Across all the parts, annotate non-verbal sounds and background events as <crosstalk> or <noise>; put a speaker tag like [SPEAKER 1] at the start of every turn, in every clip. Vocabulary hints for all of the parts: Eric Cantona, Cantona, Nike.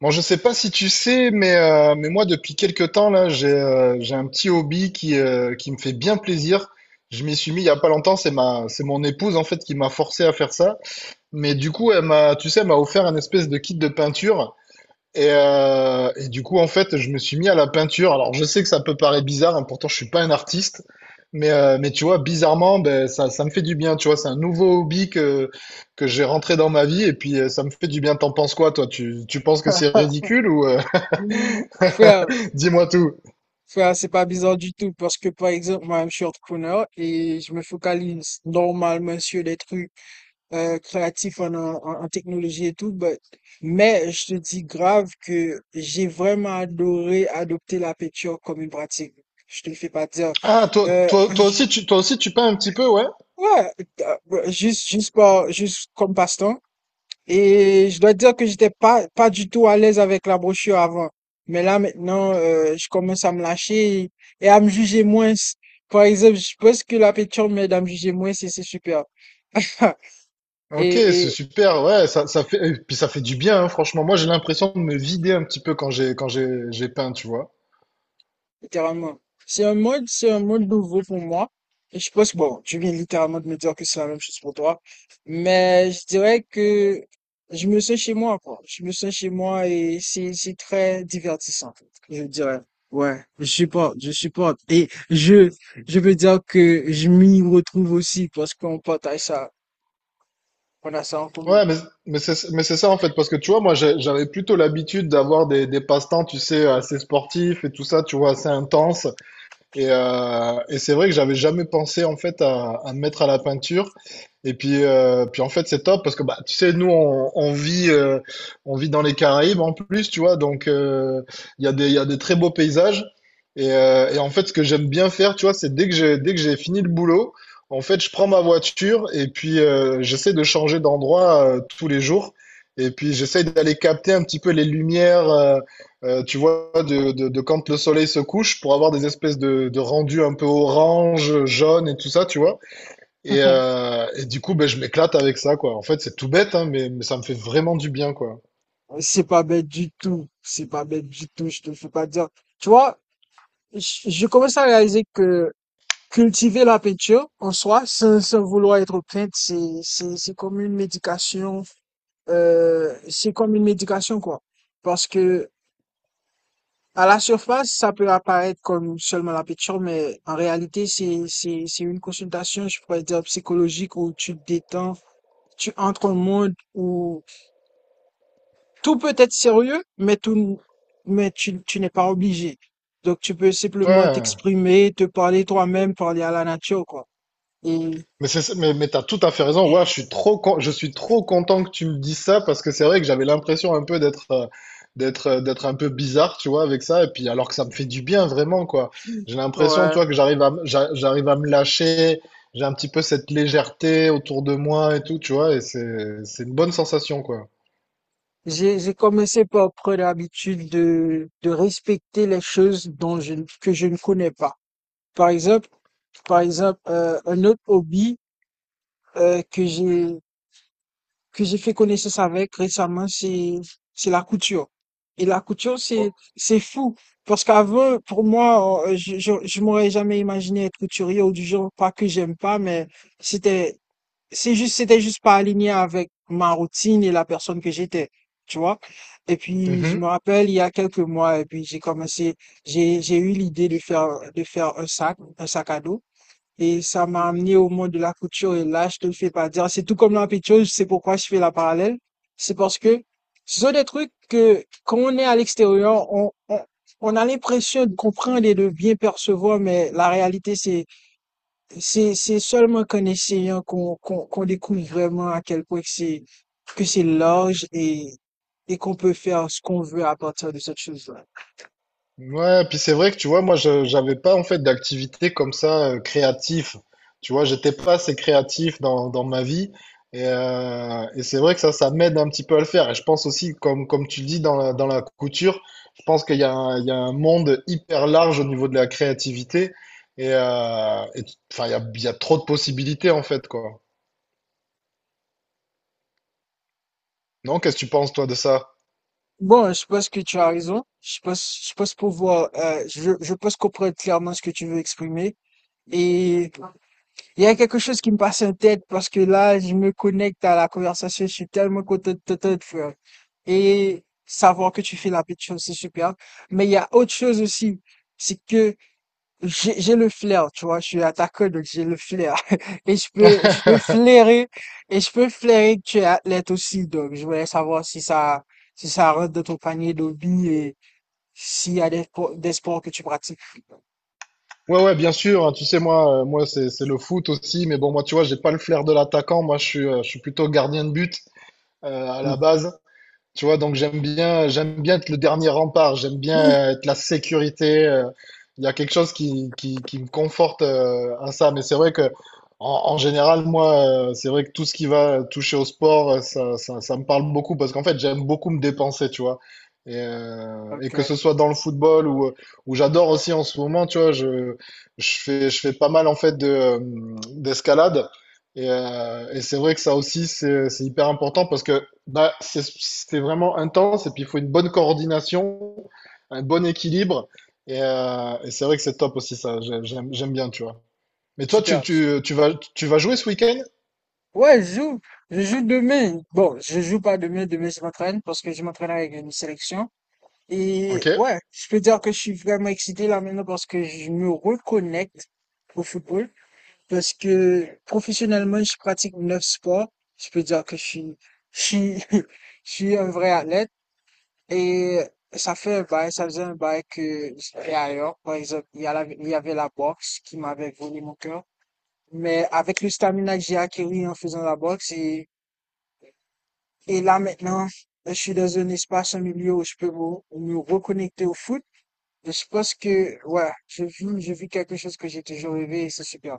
[SPEAKER 1] Bon, je sais pas si tu sais, mais moi, depuis quelques temps, là, j'ai un petit hobby qui me fait bien plaisir. Je m'y suis mis il y a pas longtemps, c'est mon épouse, en fait, qui m'a forcé à faire ça. Mais du coup, elle m'a, tu sais, elle m'a offert un espèce de kit de peinture. Et du coup, en fait, je me suis mis à la peinture. Alors, je sais que ça peut paraître bizarre, hein, pourtant, je suis pas un artiste. Mais tu vois, bizarrement, ben, ça me fait du bien. Tu vois, c'est un nouveau hobby que j'ai rentré dans ma vie. Et puis, ça me fait du bien. T'en penses quoi, toi? Tu penses que c'est ridicule ou
[SPEAKER 2] Mmh. Frère,
[SPEAKER 1] <laughs> Dis-moi tout.
[SPEAKER 2] frère, c'est pas bizarre du tout parce que par exemple, moi, je suis entrepreneur et je me focalise normalement sur des trucs. Créatif en technologie et tout, mais je te dis grave que j'ai vraiment adoré adopter la peinture comme une pratique. Je te le fais pas dire.
[SPEAKER 1] Ah, toi,
[SPEAKER 2] Euh,
[SPEAKER 1] toi, toi aussi, tu, toi aussi, tu peins un petit peu, ouais?
[SPEAKER 2] ouais, juste, juste comme passe-temps. Et je dois dire que j'étais pas du tout à l'aise avec la brochure avant. Mais là, maintenant, je commence à me lâcher et à me juger moins. Par exemple, je pense que la peinture m'aide à me juger moins et c'est super. <laughs>
[SPEAKER 1] Ok, c'est
[SPEAKER 2] Et,
[SPEAKER 1] super, ouais, et puis ça fait du bien, hein, franchement. Moi, j'ai l'impression de me vider un petit peu quand j'ai peint, tu vois.
[SPEAKER 2] littéralement. C'est un mode nouveau pour moi. Et je pense, bon, tu viens littéralement de me dire que c'est la même chose pour toi. Mais je dirais que je me sens chez moi, quoi. Je me sens chez moi et c'est très divertissant, je dirais. Ouais, je supporte, je supporte. Je veux dire que je m'y retrouve aussi parce qu'on partage ça, on a ça en
[SPEAKER 1] Ouais,
[SPEAKER 2] commun.
[SPEAKER 1] mais c'est ça en fait, parce que tu vois, j'avais plutôt l'habitude d'avoir des passe-temps, tu sais, assez sportifs et tout ça, tu vois, assez intenses. Et c'est vrai que j'avais jamais pensé en fait à me mettre à la peinture. Et puis, puis en fait c'est top parce que bah tu sais on vit dans les Caraïbes en plus tu vois donc il y a des très beaux paysages et en fait ce que j'aime bien faire tu vois c'est dès que j'ai fini le boulot en fait je prends ma voiture et puis j'essaie de changer d'endroit tous les jours et puis j'essaie d'aller capter un petit peu les lumières tu vois, de quand le soleil se couche pour avoir des espèces de rendus un peu orange, jaune et tout ça, tu vois. Et du coup, ben, je m'éclate avec ça, quoi. En fait, c'est tout bête, hein, mais ça me fait vraiment du bien, quoi.
[SPEAKER 2] C'est pas bête du tout. C'est pas bête du tout. Je te fais pas dire. Tu vois, je commence à réaliser que cultiver la peinture en soi, sans vouloir être plainte, c'est comme une médication, c'est comme une médication, quoi. Parce que à la surface, ça peut apparaître comme seulement la peinture, mais en réalité, c'est une consultation, je pourrais dire, psychologique où tu te détends, tu entres au monde où tout peut être sérieux, mais tout, tu n'es pas obligé. Donc, tu peux simplement
[SPEAKER 1] Ouais.
[SPEAKER 2] t'exprimer, te parler toi-même, parler à la nature, quoi. Et,
[SPEAKER 1] Mais t'as tout à fait raison. Ouais, je suis trop content que tu me dises ça parce que c'est vrai que j'avais l'impression un peu d'être, d'être un peu bizarre, tu vois, avec ça. Et puis alors que ça me fait du bien vraiment, quoi. J'ai l'impression,
[SPEAKER 2] ouais.
[SPEAKER 1] tu vois, que j'arrive à me lâcher. J'ai un petit peu cette légèreté autour de moi et tout, tu vois. Et c'est une bonne sensation, quoi.
[SPEAKER 2] J'ai commencé par prendre l'habitude de respecter les choses dont je, ne- que je ne connais pas. Par exemple, par exemple, un autre hobby que j'ai fait connaissance avec récemment, c'est la couture. Et la couture,
[SPEAKER 1] Oh,
[SPEAKER 2] c'est fou parce qu'avant, pour moi, je m'aurais jamais imaginé être couturier ou du genre, pas que j'aime pas, mais c'était c'est juste, c'était juste pas aligné avec ma routine et la personne que j'étais, tu vois. Et puis, je me
[SPEAKER 1] mhm.
[SPEAKER 2] rappelle, il y a quelques mois, et puis j'ai eu l'idée de faire un sac à dos. Et ça m'a amené au monde de la couture. Et là, je te le fais pas dire. C'est tout comme la pitcheuse, c'est pourquoi je fais la parallèle. C'est parce que ce sont des trucs que, quand on est à l'extérieur, on a l'impression de comprendre et de bien percevoir, mais la réalité, c'est seulement qu'en essayant qu'on découvre vraiment à quel point que c'est large et qu'on peut faire ce qu'on veut à partir de cette chose-là.
[SPEAKER 1] Ouais, puis c'est vrai que tu vois, moi, je j'avais pas en fait d'activité comme ça créatif. Tu vois, j'étais pas assez créatif dans ma vie. Et c'est vrai que ça m'aide un petit peu à le faire. Et je pense aussi, comme tu le dis dans la couture, je pense qu'il y a un monde hyper large au niveau de la créativité. Et, il y a trop de possibilités en fait, quoi. Non, qu'est-ce que tu penses, toi, de ça?
[SPEAKER 2] Bon, je pense que tu as raison. Je pense pouvoir je pense comprendre clairement ce que tu veux exprimer. Et il y a quelque chose qui me passe en tête parce que là, je me connecte à la conversation. Je suis tellement content de t'entendre, frère. Et savoir que tu fais la petite chose, c'est super. Mais il y a autre chose aussi, c'est que j'ai le flair, tu vois, je suis attaqueur, donc j'ai le flair. <laughs> Je peux flairer, et je peux flairer que tu es athlète aussi, donc je voulais savoir si ça, si ça rentre dans ton panier d'hobby et s'il y a des, des sports que tu pratiques.
[SPEAKER 1] Ouais, ouais, bien sûr. Hein, tu sais, moi, moi, c'est le foot aussi. Mais bon, moi, tu vois, j'ai pas le flair de l'attaquant. Moi, je suis plutôt gardien de but. À la base. Tu vois, donc j'aime bien être le dernier rempart, j'aime
[SPEAKER 2] Mm.
[SPEAKER 1] bien être la sécurité. Il y a quelque chose qui me conforte à ça. Mais c'est vrai que, en général, moi, c'est vrai que tout ce qui va toucher au sport, ça me parle beaucoup parce qu'en fait, j'aime beaucoup me dépenser, tu vois. Et
[SPEAKER 2] Ok,
[SPEAKER 1] que ce soit dans le football ou j'adore aussi en ce moment, tu vois, je fais pas mal en fait de, d'escalade. Et c'est vrai que ça aussi, c'est hyper important parce que bah, c'est vraiment intense et puis il faut une bonne coordination, un bon équilibre. Et c'est vrai que c'est top aussi, ça. J'aime bien, tu vois. Mais toi,
[SPEAKER 2] super.
[SPEAKER 1] tu vas jouer ce week-end?
[SPEAKER 2] Ouais, je joue demain. Bon, je joue pas demain, demain je m'entraîne parce que je m'entraîne avec une sélection.
[SPEAKER 1] Ok.
[SPEAKER 2] Et ouais, je peux dire que je suis vraiment excité là maintenant parce que je me reconnecte au football. Parce que professionnellement, je pratique 9 sports. Je peux dire que je suis, <laughs> je suis un vrai athlète. Et ça fait un bail, ça faisait un bail que j'étais ailleurs. Par exemple, il y avait la boxe qui m'avait volé mon cœur. Mais avec le stamina que j'ai acquis en faisant la boxe, et là maintenant, je suis dans un espace, un milieu où je peux me reconnecter au foot. Et je pense que, ouais, je vis quelque chose que j'ai toujours rêvé et c'est super.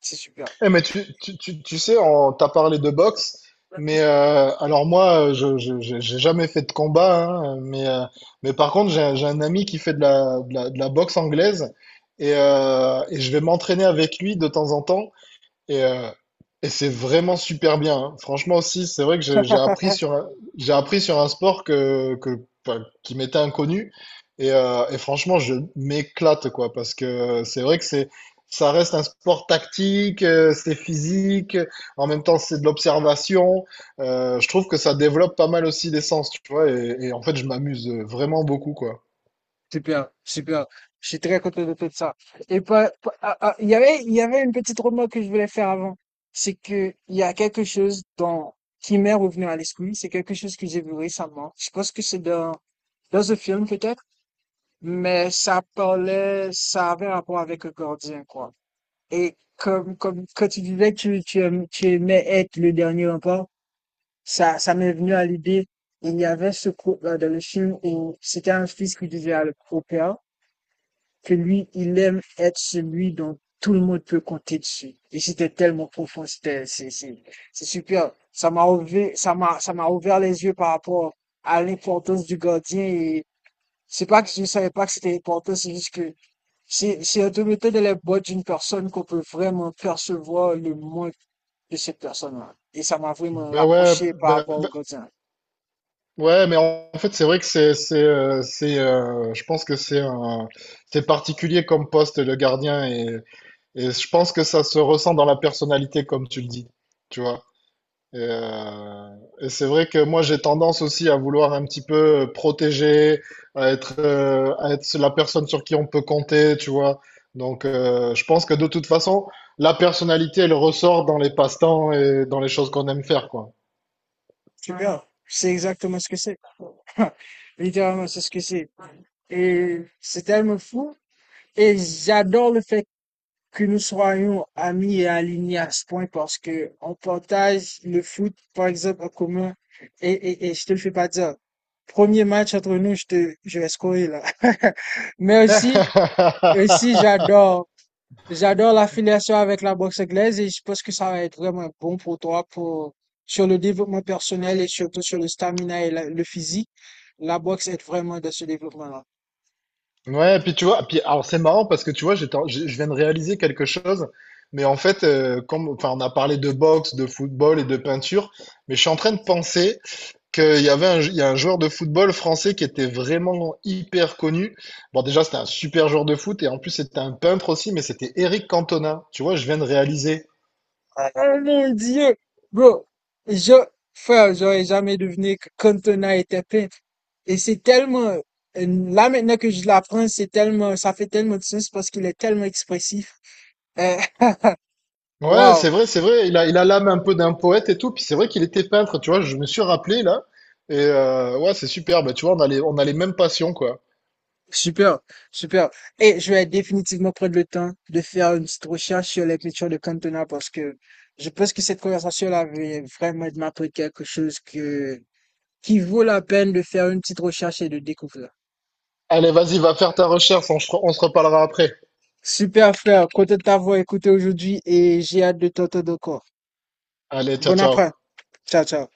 [SPEAKER 2] C'est super.
[SPEAKER 1] Eh, mais tu sais, on t'a parlé de boxe, mais alors moi, j'ai jamais fait de combat, hein, mais par contre, j'ai un ami qui fait de la boxe anglaise et je vais m'entraîner avec lui de temps en temps. Et, euh, et c'est vraiment super bien, hein. Franchement aussi, c'est vrai que j'ai appris sur un, j'ai appris sur un sport que, pas- qui m'était inconnu. Et franchement, je m'éclate, quoi, parce que c'est vrai que c'est, ça reste un sport tactique, c'est physique, en même temps, c'est de l'observation. Je trouve que ça développe pas mal aussi des sens, tu vois, et en fait, je m'amuse vraiment beaucoup, quoi.
[SPEAKER 2] Super, super. Je suis très content de tout ça. Et ah, il y avait une petite remarque que je voulais faire avant. C'est que il y a quelque chose dans, qui m'est revenu à l'esprit. C'est quelque chose que j'ai vu récemment. Je pense que c'est dans un film peut-être, mais ça parlait, ça avait rapport avec le gardien, quoi. Et comme, quand tu disais que tu aimais être le dernier rempart, ça m'est venu à l'idée. Il y avait ce couple dans le film où c'était un fils qui disait au père, que lui, il aime être celui dont tout le monde peut compter dessus. Et c'était tellement profond, c'est super. Ça m'a ouvert les yeux par rapport à l'importance du gardien et c'est pas que je savais pas que c'était important, c'est juste que c'est un de la boîte d'une personne qu'on peut vraiment percevoir le manque de cette personne-là. Et ça m'a vraiment
[SPEAKER 1] Ben ouais,
[SPEAKER 2] rapproché par
[SPEAKER 1] ben,
[SPEAKER 2] rapport au gardien.
[SPEAKER 1] ouais, mais en fait, c'est vrai que je pense que c'est particulier comme poste le gardien et je pense que ça se ressent dans la personnalité comme tu le dis, tu vois. Et, euh, et c'est vrai que moi j'ai tendance aussi à vouloir un petit peu protéger, à être la personne sur qui on peut compter, tu vois. Donc, je pense que de toute façon, la personnalité elle ressort dans les passe-temps et dans les choses qu'on aime faire, quoi.
[SPEAKER 2] Tu vois, c'est exactement ce que c'est. <laughs> Littéralement, c'est ce que c'est. Et c'est tellement fou. Et j'adore le fait que nous soyons amis et alignés à ce point parce que on partage le foot, par exemple, en commun. Et, et je te le fais pas dire. Premier match entre nous, je vais scorer là. <laughs> Mais aussi, aussi,
[SPEAKER 1] <laughs>
[SPEAKER 2] j'adore l'affiliation avec la boxe anglaise et je pense que ça va être vraiment bon pour toi pour, sur le développement personnel et surtout sur le stamina et le physique. La boxe aide vraiment dans ce développement-là.
[SPEAKER 1] Ouais, puis tu vois, puis alors c'est marrant parce que tu vois, j'étais en- je viens de réaliser quelque chose, mais en fait, enfin, on a parlé de boxe, de football et de peinture, mais je suis en train de penser qu'il y a un joueur de football français qui était vraiment hyper connu. Bon, déjà, c'était un super joueur de foot et en plus, c'était un peintre aussi, mais c'était Eric Cantona. Tu vois, je viens de réaliser.
[SPEAKER 2] Oh mon Dieu! Bro, je, frère, j'aurais jamais deviné que Cantona était peintre. Et c'est tellement, là maintenant que je l'apprends, c'est tellement, ça fait tellement de sens parce qu'il est tellement expressif. Euh, <laughs>
[SPEAKER 1] Ouais,
[SPEAKER 2] Wow.
[SPEAKER 1] c'est vrai, c'est vrai. Il a l'âme un peu d'un poète et tout. Puis c'est vrai qu'il était peintre, tu vois. Je me suis rappelé là. Et ouais, c'est super. Bah, tu vois, on a les mêmes passions, quoi.
[SPEAKER 2] Super, super. Et je vais définitivement prendre le temps de faire une petite recherche sur les peintures de Cantona parce que je pense que cette conversation-là avait vraiment de m'apprendre quelque chose que, qui vaut la peine de faire une petite recherche et de découvrir.
[SPEAKER 1] Allez, vas-y, va faire ta recherche. On se reparlera après.
[SPEAKER 2] Super, frère. Content de t'avoir écouté aujourd'hui et j'ai hâte de t'entendre encore.
[SPEAKER 1] Allez, ciao,
[SPEAKER 2] Bon après.
[SPEAKER 1] ciao.
[SPEAKER 2] Ciao, ciao.